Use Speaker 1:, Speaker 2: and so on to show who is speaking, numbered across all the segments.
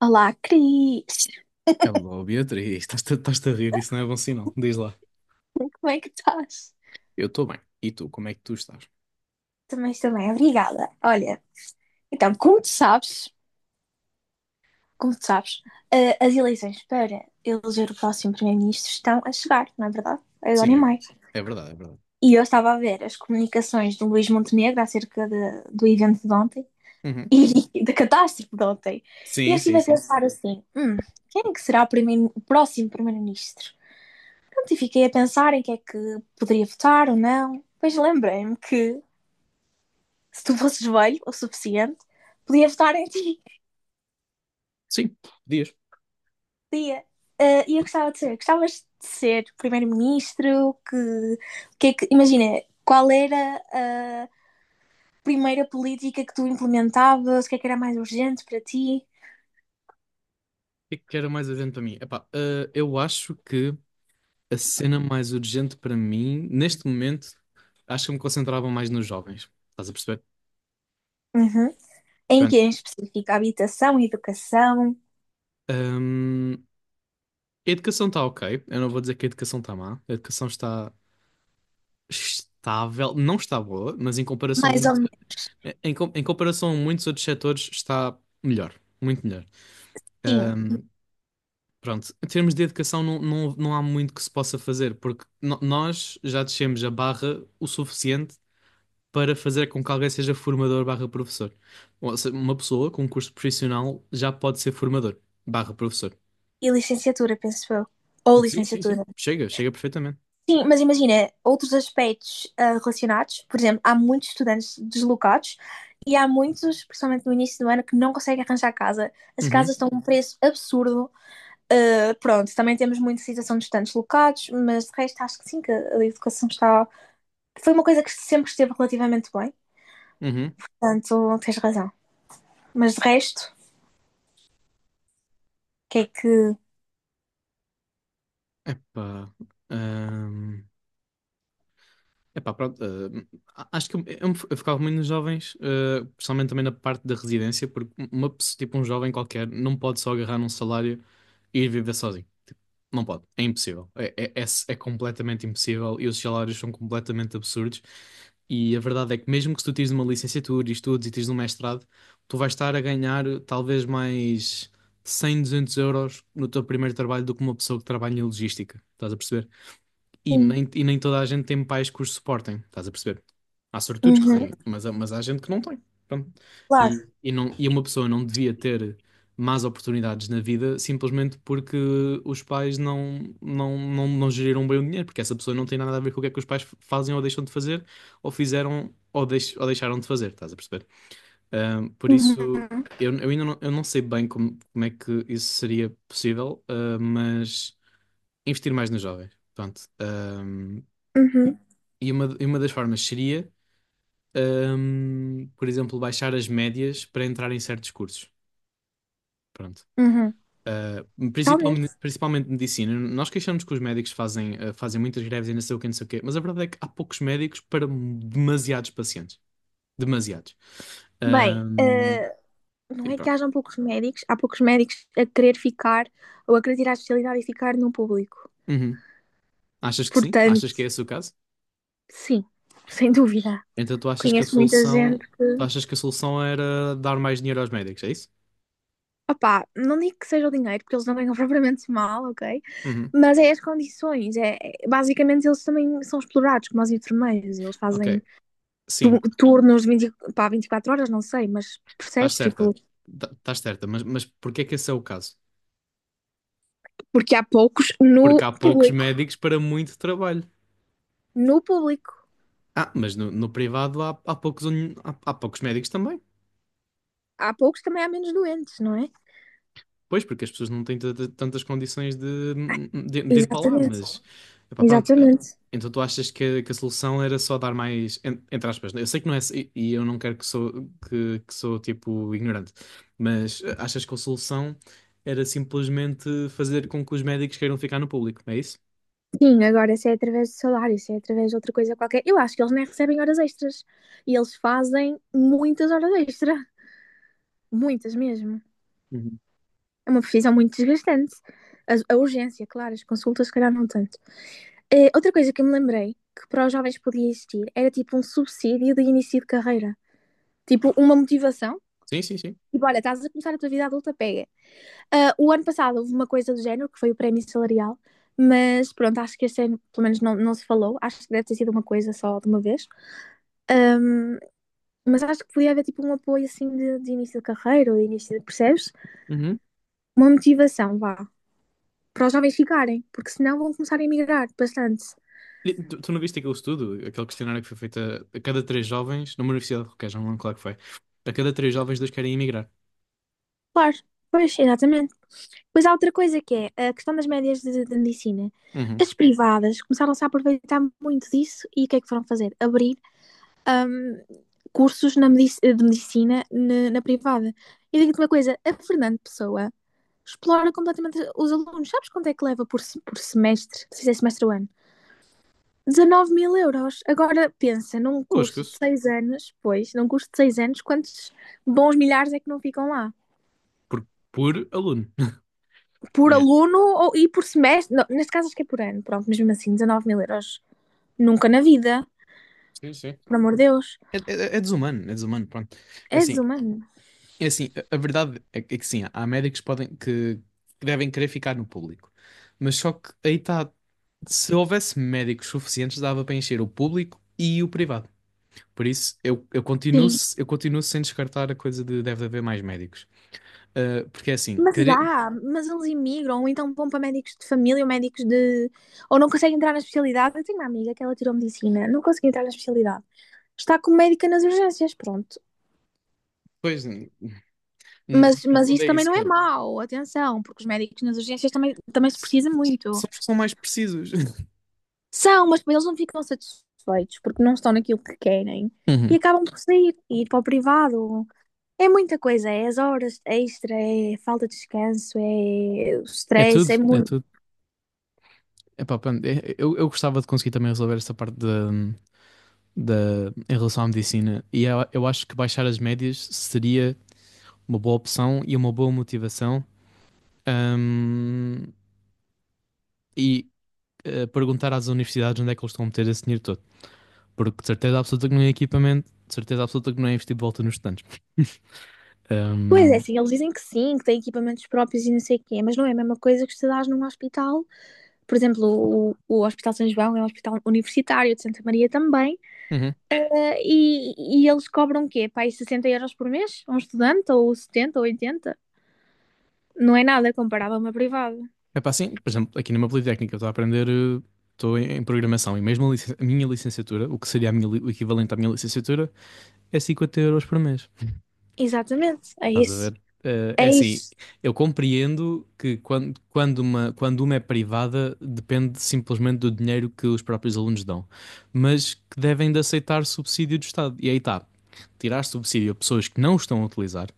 Speaker 1: Olá, Cris!
Speaker 2: Hello, Beatriz, estás-te a rir, isso não é bom sinal. Diz lá.
Speaker 1: Como é que estás?
Speaker 2: Eu estou bem. E tu, como é que tu estás?
Speaker 1: Também estou bem, obrigada. Olha, então, como tu sabes, como tu sabes, as eleições para eleger o próximo primeiro-ministro estão a chegar, não é verdade? Agora
Speaker 2: Sim,
Speaker 1: em
Speaker 2: é,
Speaker 1: maio.
Speaker 2: é verdade, é verdade.
Speaker 1: E eu estava a ver as comunicações do Luís Montenegro acerca do evento de ontem
Speaker 2: Uhum.
Speaker 1: e da catástrofe de ontem. E eu
Speaker 2: Sim, sim,
Speaker 1: estive a
Speaker 2: sim.
Speaker 1: pensar assim, quem é que será o próximo primeiro-ministro? Pronto, e fiquei a pensar em quem é que poderia votar ou não. Depois lembrei-me que se tu fosses velho o suficiente, podia votar em ti.
Speaker 2: Sim, podias. O
Speaker 1: Podia. Ah, e eu gostavas de ser primeiro-ministro, imagina, qual era a primeira política que tu implementavas, o que é que era mais urgente para ti?
Speaker 2: que é que era mais urgente para mim? Epá, eu acho que a cena mais urgente para mim, neste momento, acho que eu me concentrava mais nos jovens. Estás a perceber?
Speaker 1: Uhum. Em que
Speaker 2: Pronto.
Speaker 1: em específico? Habitação, educação.
Speaker 2: Hum, a educação está ok. Eu não vou dizer que a educação está má. A educação está estável. Não está boa, mas em comparação
Speaker 1: Mais ou
Speaker 2: muito.
Speaker 1: menos.
Speaker 2: Em comparação a muitos outros setores, está melhor, muito melhor.
Speaker 1: Sim.
Speaker 2: Ahm, pronto, em termos de educação, não há muito que se possa fazer, porque nós já descemos a barra o suficiente para fazer com que alguém seja formador barra professor. Ou seja, uma pessoa com um curso profissional já pode ser formador barra professor.
Speaker 1: E licenciatura, penso eu. Ou
Speaker 2: Sim, sim,
Speaker 1: licenciatura.
Speaker 2: sim. Chega perfeitamente.
Speaker 1: Sim, mas imagina, outros aspectos relacionados, por exemplo, há muitos estudantes deslocados e há muitos, principalmente no início do ano, que não conseguem arranjar casa. As casas
Speaker 2: Uhum,
Speaker 1: estão a um preço absurdo. Ah, pronto, também temos muita situação de estudantes deslocados, mas de resto acho que sim, que a educação está. Foi uma coisa que sempre esteve relativamente bem,
Speaker 2: uhum.
Speaker 1: portanto tens razão. Mas de resto, o que é que.
Speaker 2: Epá. Epá, pronto, acho que eu focava muito nos jovens, eh, principalmente também na parte da residência, porque tipo, um jovem qualquer não pode só agarrar num salário e ir viver sozinho. Tipo, não pode, é impossível. É completamente impossível e os salários são completamente absurdos. E a verdade é que mesmo que tu tires uma licenciatura e estudes e tires um mestrado, tu vais estar a ganhar talvez mais 100, 200 euros no teu primeiro trabalho do que uma pessoa que trabalha em logística. Estás a perceber? E
Speaker 1: Sim.
Speaker 2: nem, e nem toda a gente tem pais que os suportem, estás a perceber? Há sortudos que
Speaker 1: Uhum,
Speaker 2: têm, mas, mas há gente que não tem. Pronto. E,
Speaker 1: claro.
Speaker 2: e, não, e uma pessoa não devia ter más oportunidades na vida simplesmente porque os pais não geriram bem o dinheiro, porque essa pessoa não tem nada a ver com o que é que os pais fazem ou deixam de fazer, ou fizeram ou deixaram de fazer, estás a perceber? Por isso,
Speaker 1: Uhum,
Speaker 2: eu não sei bem como é que isso seria possível, mas investir mais nos jovens. Pronto.
Speaker 1: uhum,
Speaker 2: E uma das formas seria, por exemplo, baixar as médias para entrar em certos cursos. Pronto.
Speaker 1: uhum.
Speaker 2: Ah, principalmente,
Speaker 1: Totalmente.
Speaker 2: principalmente medicina. Nós queixamos que os médicos fazem, fazem muitas greves e não sei o quê não sei o quê, mas a verdade é que há poucos médicos para demasiados pacientes. Demasiados.
Speaker 1: Bem,
Speaker 2: Hum,
Speaker 1: não
Speaker 2: e
Speaker 1: é que
Speaker 2: pronto.
Speaker 1: hajam poucos médicos, há poucos médicos a querer ficar ou a querer tirar a especialidade e ficar no público.
Speaker 2: Uhum. Achas que sim?
Speaker 1: Portanto,
Speaker 2: Achas que é esse o caso?
Speaker 1: sim, sem dúvida.
Speaker 2: Então tu achas que a
Speaker 1: Conheço muita
Speaker 2: solução,
Speaker 1: gente
Speaker 2: tu
Speaker 1: que.
Speaker 2: achas que a solução era dar mais dinheiro aos médicos, é isso?
Speaker 1: Opá, não digo que seja o dinheiro, porque eles não ganham propriamente mal, ok?
Speaker 2: Uhum.
Speaker 1: Mas é as condições. Basicamente, eles também são explorados, como os enfermeiros. Eles
Speaker 2: Ok.
Speaker 1: fazem
Speaker 2: Sim,
Speaker 1: turnos de 20, pá, 24 horas, não sei, mas
Speaker 2: estás
Speaker 1: percebes?
Speaker 2: certa,
Speaker 1: Tipo,
Speaker 2: estás certa, mas porquê é que esse é o caso?
Speaker 1: porque há poucos
Speaker 2: Porque
Speaker 1: no
Speaker 2: há poucos
Speaker 1: público.
Speaker 2: médicos para muito trabalho.
Speaker 1: No público.
Speaker 2: Ah, mas no privado há poucos, há poucos médicos também.
Speaker 1: Há poucos, também há menos doentes, não é?
Speaker 2: Pois, porque as pessoas não têm tantas condições de ir para lá,
Speaker 1: Exatamente,
Speaker 2: mas epá, pronto. Eh,
Speaker 1: exatamente.
Speaker 2: então tu achas que a solução era só dar mais, entre aspas, né? Eu sei que não é, e eu não quero que sou, que sou tipo ignorante, mas eh, achas que a solução era simplesmente fazer com que os médicos queiram ficar no público, é isso?
Speaker 1: Sim, agora se é através de salário, se é através de outra coisa qualquer, eu acho que eles nem recebem horas extras. E eles fazem muitas horas extra, muitas mesmo.
Speaker 2: Uhum.
Speaker 1: É uma profissão muito desgastante. A urgência, claro, as consultas, se calhar, não tanto. Outra coisa que eu me lembrei que para os jovens podia existir era tipo um subsídio de início de carreira, tipo uma motivação.
Speaker 2: Sim, sim, sim.
Speaker 1: Tipo, olha, estás a começar a tua vida adulta, pega. Ah, o ano passado houve uma coisa do género, que foi o prémio salarial, mas pronto, acho que este ano, pelo menos, não, não se falou. Acho que deve ter sido uma coisa só de uma vez. Mas acho que podia haver tipo um apoio assim de início de carreira ou de início de, percebes?
Speaker 2: Uhum.
Speaker 1: Uma motivação, vá, para os jovens ficarem, porque senão vão começar a emigrar bastante.
Speaker 2: E tu, tu não viste aquele estudo, aquele questionário que foi feito a cada três jovens, numa universidade qualquer, já não lembro qual é que foi. A cada três jovens, dois querem emigrar.
Speaker 1: Claro, pois, exatamente. Pois há outra coisa que é a questão das médias de medicina.
Speaker 2: Uhum.
Speaker 1: As privadas começaram-se a aproveitar muito disso e o que é que foram fazer? Abrir ahm, cursos de medicina na privada. E digo-te uma coisa, a Fernando Pessoa explora completamente os alunos. Sabes quanto é que leva por, por semestre? Se fizer semestre ou ano? 19 mil euros. Agora pensa, num curso de
Speaker 2: Lasca-se.
Speaker 1: 6 anos, pois, num curso de 6 anos, quantos bons milhares é que não ficam lá?
Speaker 2: Por, por aluno.
Speaker 1: Por
Speaker 2: Yeah.
Speaker 1: aluno ou, e por semestre? Não, neste caso acho que é por ano, pronto, mas mesmo assim, 19 mil euros. Nunca na vida,
Speaker 2: Sim, sim.
Speaker 1: por amor de Deus.
Speaker 2: É desumano, pronto. É
Speaker 1: É
Speaker 2: assim,
Speaker 1: desumano.
Speaker 2: é assim, a verdade é é que sim, há médicos que podem, que devem querer ficar no público. Mas só que aí está, se houvesse médicos suficientes, dava para encher o público e o privado. Por isso,
Speaker 1: Sim.
Speaker 2: eu continuo sem descartar a coisa de deve haver mais médicos. Porque é assim,
Speaker 1: Mas
Speaker 2: care...
Speaker 1: há, mas eles imigram, ou então vão para médicos de família ou médicos de. Ou não conseguem entrar na especialidade. Eu tenho uma amiga que ela tirou medicina, não conseguiu entrar na especialidade. Está como médica nas urgências, pronto.
Speaker 2: Pois,
Speaker 1: Mas,
Speaker 2: no
Speaker 1: mas
Speaker 2: fundo
Speaker 1: isso
Speaker 2: é
Speaker 1: também
Speaker 2: isso.
Speaker 1: não é
Speaker 2: Com...
Speaker 1: mau, atenção, porque os médicos nas urgências também, também se
Speaker 2: s-
Speaker 1: precisa muito.
Speaker 2: são os que são mais precisos.
Speaker 1: São, mas depois eles não ficam satisfeitos porque não estão naquilo que querem e
Speaker 2: Uhum.
Speaker 1: acabam por sair e ir para o privado. É muita coisa, é as horas extra, é falta de descanso, é o
Speaker 2: É
Speaker 1: stress,
Speaker 2: tudo,
Speaker 1: é
Speaker 2: é
Speaker 1: muito.
Speaker 2: tudo. Epá, pronto, eu gostava de conseguir também resolver esta parte da em relação à medicina. E eu acho que baixar as médias seria uma boa opção e uma boa motivação. Ahm, e perguntar às universidades onde é que eles estão a meter esse dinheiro todo. Porque de certeza absoluta que não é equipamento, de certeza absoluta que não é investir de volta nos estudantes.
Speaker 1: Pois é,
Speaker 2: Ahm,
Speaker 1: sim, eles dizem que sim, que têm equipamentos próprios e não sei o quê, mas não é a mesma coisa que estudares num hospital. Por exemplo, o Hospital São João é um hospital universitário de Santa Maria também,
Speaker 2: uhum.
Speaker 1: e eles cobram o quê? Para aí 60 € por mês? Um estudante, ou 70, ou 80? Não é nada comparado a uma privada.
Speaker 2: É pá, sim, por exemplo, aqui numa Politécnica, eu estou a aprender, estou em, em programação e mesmo a minha licenciatura, o que seria a minha o equivalente à minha licenciatura, é 50 euros por mês.
Speaker 1: Exatamente, é
Speaker 2: Estás a
Speaker 1: isso.
Speaker 2: ver? Eh,
Speaker 1: É
Speaker 2: é assim,
Speaker 1: isso.
Speaker 2: eu compreendo que quando uma é privada, depende simplesmente do dinheiro que os próprios alunos dão, mas que devem de aceitar subsídio do Estado. E aí está, tirar subsídio a pessoas que não estão a utilizar,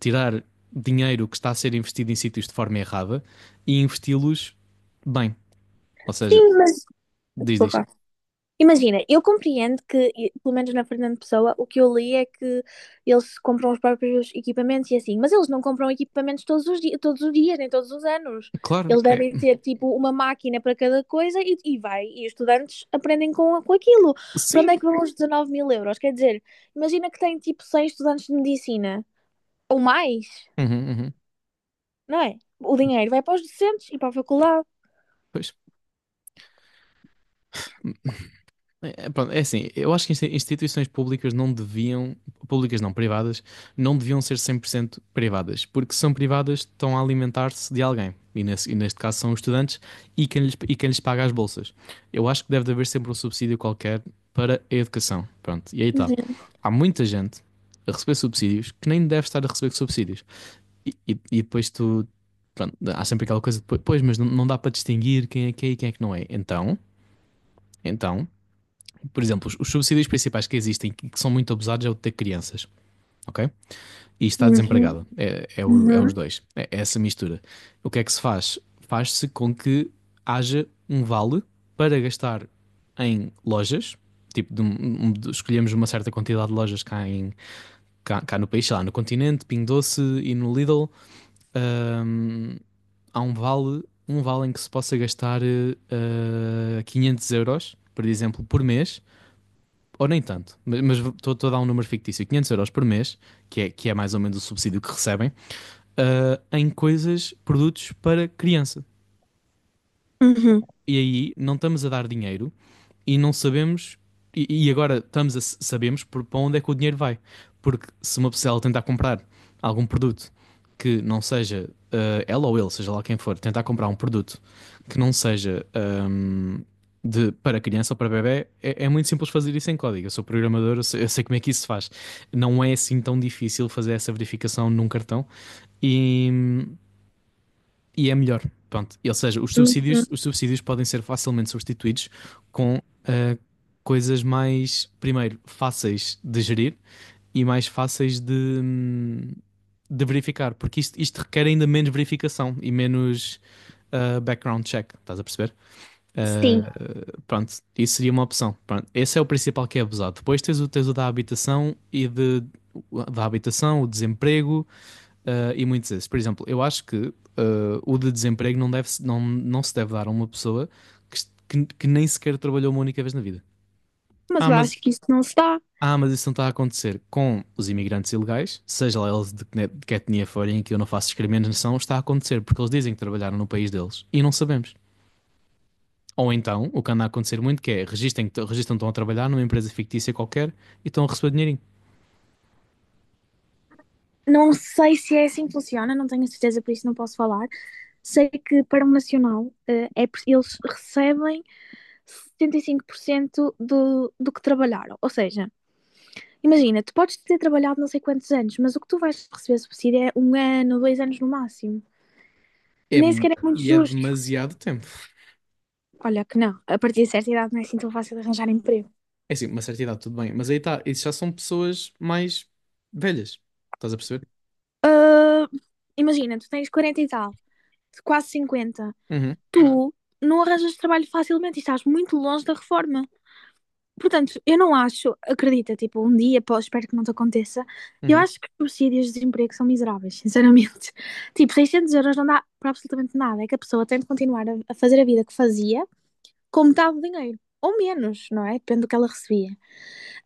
Speaker 2: tirar dinheiro que está a ser investido em sítios de forma errada e investi-los bem. Ou seja,
Speaker 1: Sim, mas.
Speaker 2: diz, diz.
Speaker 1: Desculpa. Imagina, eu compreendo que, pelo menos na Fernando Pessoa, o que eu li é que eles compram os próprios equipamentos e assim, mas eles não compram equipamentos todos os dias, nem todos os anos.
Speaker 2: Claro,
Speaker 1: Eles
Speaker 2: é.
Speaker 1: devem ter tipo uma máquina para cada coisa e os estudantes aprendem com aquilo. Para onde é
Speaker 2: Sim.
Speaker 1: que vão os 19 mil euros? Quer dizer, imagina que tem tipo 100 estudantes de medicina ou mais,
Speaker 2: Uhum, uhum.
Speaker 1: não é? O dinheiro vai para os docentes e para a faculdade.
Speaker 2: Pois. Pronto, é assim, eu acho que instituições públicas não deviam, públicas não, privadas, não deviam ser 100% privadas, porque se são privadas, estão a alimentar-se de alguém, e, e neste caso são os estudantes e e quem lhes paga as bolsas. Eu acho que deve haver sempre um subsídio qualquer para a educação, pronto, e aí está.
Speaker 1: Uhum,
Speaker 2: Há muita gente a receber subsídios que nem deve estar a receber subsídios. E depois tu. Pronto, há sempre aquela coisa, depois pois, mas não, não dá para distinguir quem é que é e quem é que não é. Então, por exemplo, os subsídios principais que existem e que são muito abusados é o de ter crianças, ok? E estar
Speaker 1: uhum,
Speaker 2: desempregado. É os
Speaker 1: uhum,
Speaker 2: dois. É essa mistura. O que é que se faz? Faz-se com que haja um vale para gastar em lojas. Tipo, de um- um- de- escolhemos uma certa quantidade de lojas cá, cá no país, sei lá, no Continente, Pingo Doce e no Lidl. um, há um vale em que se possa gastar 500 euros, por exemplo, por mês, ou nem tanto, mas estou a dar um número fictício, 500 euros por mês, que é mais ou menos o subsídio que recebem, eh, em coisas, produtos para criança.
Speaker 1: uhum,
Speaker 2: E aí não estamos a dar dinheiro e não sabemos, e agora estamos sabemos para onde é que o dinheiro vai. Porque se uma pessoa ela tentar comprar algum produto que não seja ela ou ele, seja lá quem for, tentar comprar um produto que não seja para criança ou para bebé é muito simples fazer isso em código. Eu sou programador, eu sei como é que isso se faz. Não é assim tão difícil fazer essa verificação num cartão. E, e é melhor. Pronto. Ou seja,
Speaker 1: uhum.
Speaker 2: os subsídios podem ser facilmente substituídos com coisas mais, primeiro, fáceis de gerir e mais fáceis de verificar, porque isto requer ainda menos verificação e menos background check, estás a perceber?
Speaker 1: Sim,
Speaker 2: Ah, pronto, isso seria uma opção. Pronto, esse é o principal que é abusado. Depois tens tens o da habitação da habitação, o desemprego, uh, e muitos desses. Por exemplo, eu acho que o de desemprego deve, não, não se deve dar a uma pessoa que, que nem sequer trabalhou uma única vez na vida.
Speaker 1: mas
Speaker 2: Ah,
Speaker 1: eu
Speaker 2: mas,
Speaker 1: acho que isso não se dá.
Speaker 2: mas isso não está a acontecer com os imigrantes ilegais, seja lá eles de que etnia forem, que eu não faço discriminação, está a acontecer porque eles dizem que trabalharam no país deles e não sabemos. Ou então, o que anda a acontecer muito que é registam que estão a trabalhar numa empresa fictícia qualquer e estão a receber dinheirinho.
Speaker 1: Não sei se é assim que funciona, não tenho certeza, por isso não posso falar. Sei que para o Nacional, eles recebem 75% do que trabalharam. Ou seja, imagina, tu podes ter trabalhado não sei quantos anos, mas o que tu vais receber subsídio é um ano, dois anos no máximo.
Speaker 2: É,
Speaker 1: Nem sequer é muito
Speaker 2: e é
Speaker 1: justo.
Speaker 2: demasiado tempo.
Speaker 1: Olha que não, a partir de certa idade não é assim tão fácil de arranjar emprego.
Speaker 2: É assim, uma certa idade, tudo bem. Mas aí está, isso já são pessoas mais velhas. Estás a perceber?
Speaker 1: Ah, imagina, tu tens 40 e tal, quase 50.
Speaker 2: Uhum,
Speaker 1: Tu não arranjas trabalho facilmente e estás muito longe da reforma. Portanto, eu não acho, acredita, tipo, um dia, pô, espero que não te aconteça, eu
Speaker 2: uhum.
Speaker 1: acho que os subsídios de desemprego são miseráveis, sinceramente. Tipo, 600 € não dá para absolutamente nada, é que a pessoa tem de continuar a fazer a vida que fazia com metade do dinheiro, ou menos, não é? Depende do que ela recebia.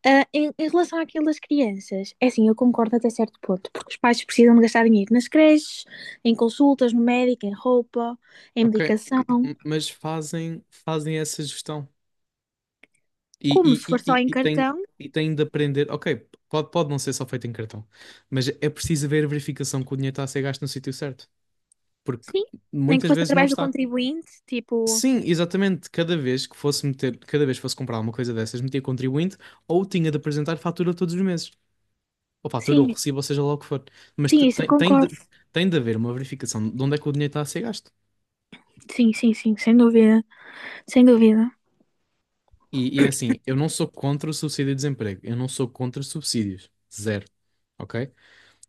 Speaker 1: Ah, em relação àquilo das crianças, é assim, eu concordo até certo ponto, porque os pais precisam de gastar dinheiro nas creches, em consultas, no médico, em roupa, em
Speaker 2: Ok.
Speaker 1: medicação,
Speaker 2: Mas fazem, fazem essa gestão. E,
Speaker 1: como se
Speaker 2: e,
Speaker 1: for
Speaker 2: e,
Speaker 1: só
Speaker 2: e,
Speaker 1: em
Speaker 2: e têm,
Speaker 1: cartão.
Speaker 2: e têm de aprender. Ok, pode, pode não ser só feito em cartão. Mas é preciso haver a verificação que o dinheiro está a ser gasto no sítio certo. Porque
Speaker 1: Sim, nem que
Speaker 2: muitas
Speaker 1: fosse
Speaker 2: vezes não
Speaker 1: através do
Speaker 2: está.
Speaker 1: contribuinte, tipo,
Speaker 2: Sim, exatamente. Cada vez que fosse comprar alguma coisa dessas, metia contribuinte ou tinha de apresentar fatura todos os meses. Ou fatura ou
Speaker 1: sim,
Speaker 2: recibo, ou seja lá o que for. Mas
Speaker 1: sim, isso eu concordo.
Speaker 2: tem de haver uma verificação de onde é que o dinheiro está a ser gasto.
Speaker 1: Sim, sim, sim, sem dúvida, sem dúvida.
Speaker 2: E é assim, eu não sou contra o subsídio de desemprego, eu não sou contra subsídios, zero, ok?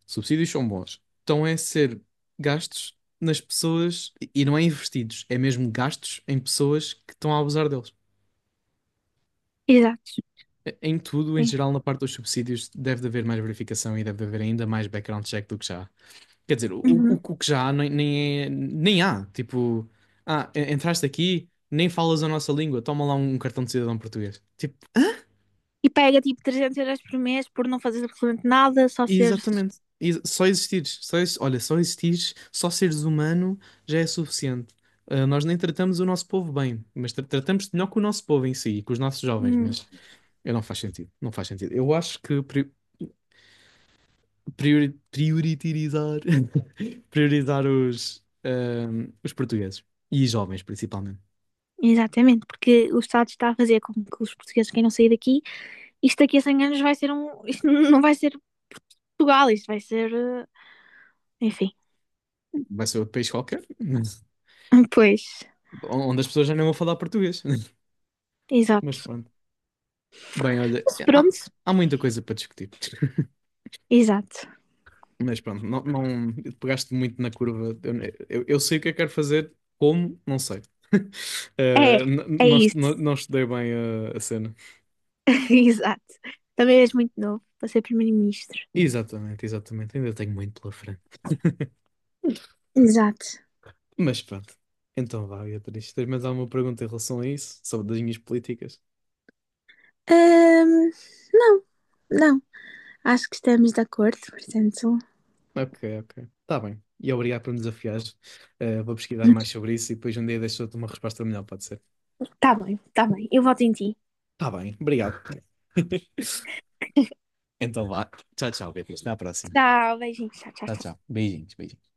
Speaker 2: Subsídios são bons. Então é ser gastos nas pessoas e não é investidos, é mesmo gastos em pessoas que estão a abusar deles.
Speaker 1: Exato,
Speaker 2: Em tudo, em
Speaker 1: sim.
Speaker 2: geral, na parte dos subsídios, deve de haver mais verificação e deve de haver ainda mais background check do que já há. Quer dizer,
Speaker 1: Uhum.
Speaker 2: o que já há nem há. Tipo, entraste aqui, nem falas a nossa língua, toma lá um cartão de cidadão português. Tipo,
Speaker 1: E pega tipo 300 € por mês por não fazer absolutamente nada, só ser.
Speaker 2: exatamente. Só existires, olha, só existires, só seres humano já é suficiente. Ah, nós nem tratamos o nosso povo bem, mas tratamos melhor com o nosso povo em si, com os nossos jovens,
Speaker 1: Hum,
Speaker 2: mas eu não faz sentido, não faz sentido. Eu acho que prioritizar priorizar os, os portugueses e jovens principalmente.
Speaker 1: exatamente, porque o Estado está a fazer com que os portugueses queiram sair daqui. Isto daqui a 100 anos vai ser um. Isto não vai ser Portugal, isto vai ser. Enfim.
Speaker 2: Vai ser outro país qualquer,
Speaker 1: Pois,
Speaker 2: onde as pessoas já não vão falar português. Mas
Speaker 1: exato.
Speaker 2: pronto. Bem,
Speaker 1: Mas pronto,
Speaker 2: há muita coisa para discutir.
Speaker 1: exato.
Speaker 2: Mas pronto, não, não pegaste muito na curva. Eu sei o que é que quero fazer, como, não sei.
Speaker 1: É,
Speaker 2: Eh,
Speaker 1: é
Speaker 2: não,
Speaker 1: isso.
Speaker 2: não estudei bem a cena.
Speaker 1: Exato. Também és muito novo para ser primeiro-ministro.
Speaker 2: Exatamente, exatamente. Ainda tenho muito pela frente.
Speaker 1: Exato.
Speaker 2: Mas pronto. Então vá, Beatriz. Tens mais alguma pergunta em relação a isso? Sobre as minhas políticas?
Speaker 1: Ahm, não, não. Acho que estamos de acordo, portanto.
Speaker 2: Ok, ok. Está bem. E obrigado por me desafiares. Eh, vou pesquisar mais sobre isso e depois um dia deixo-te uma resposta melhor, pode ser?
Speaker 1: Tá bem, tá bem. Eu voto em ti.
Speaker 2: Está bem, obrigado. Então vá. Tchau, tchau, Beatriz. Até à próxima.
Speaker 1: Tchau, beijinhos. Tchau, tchau,
Speaker 2: Tchau,
Speaker 1: tchau.
Speaker 2: tchau. Beijinhos, beijinhos.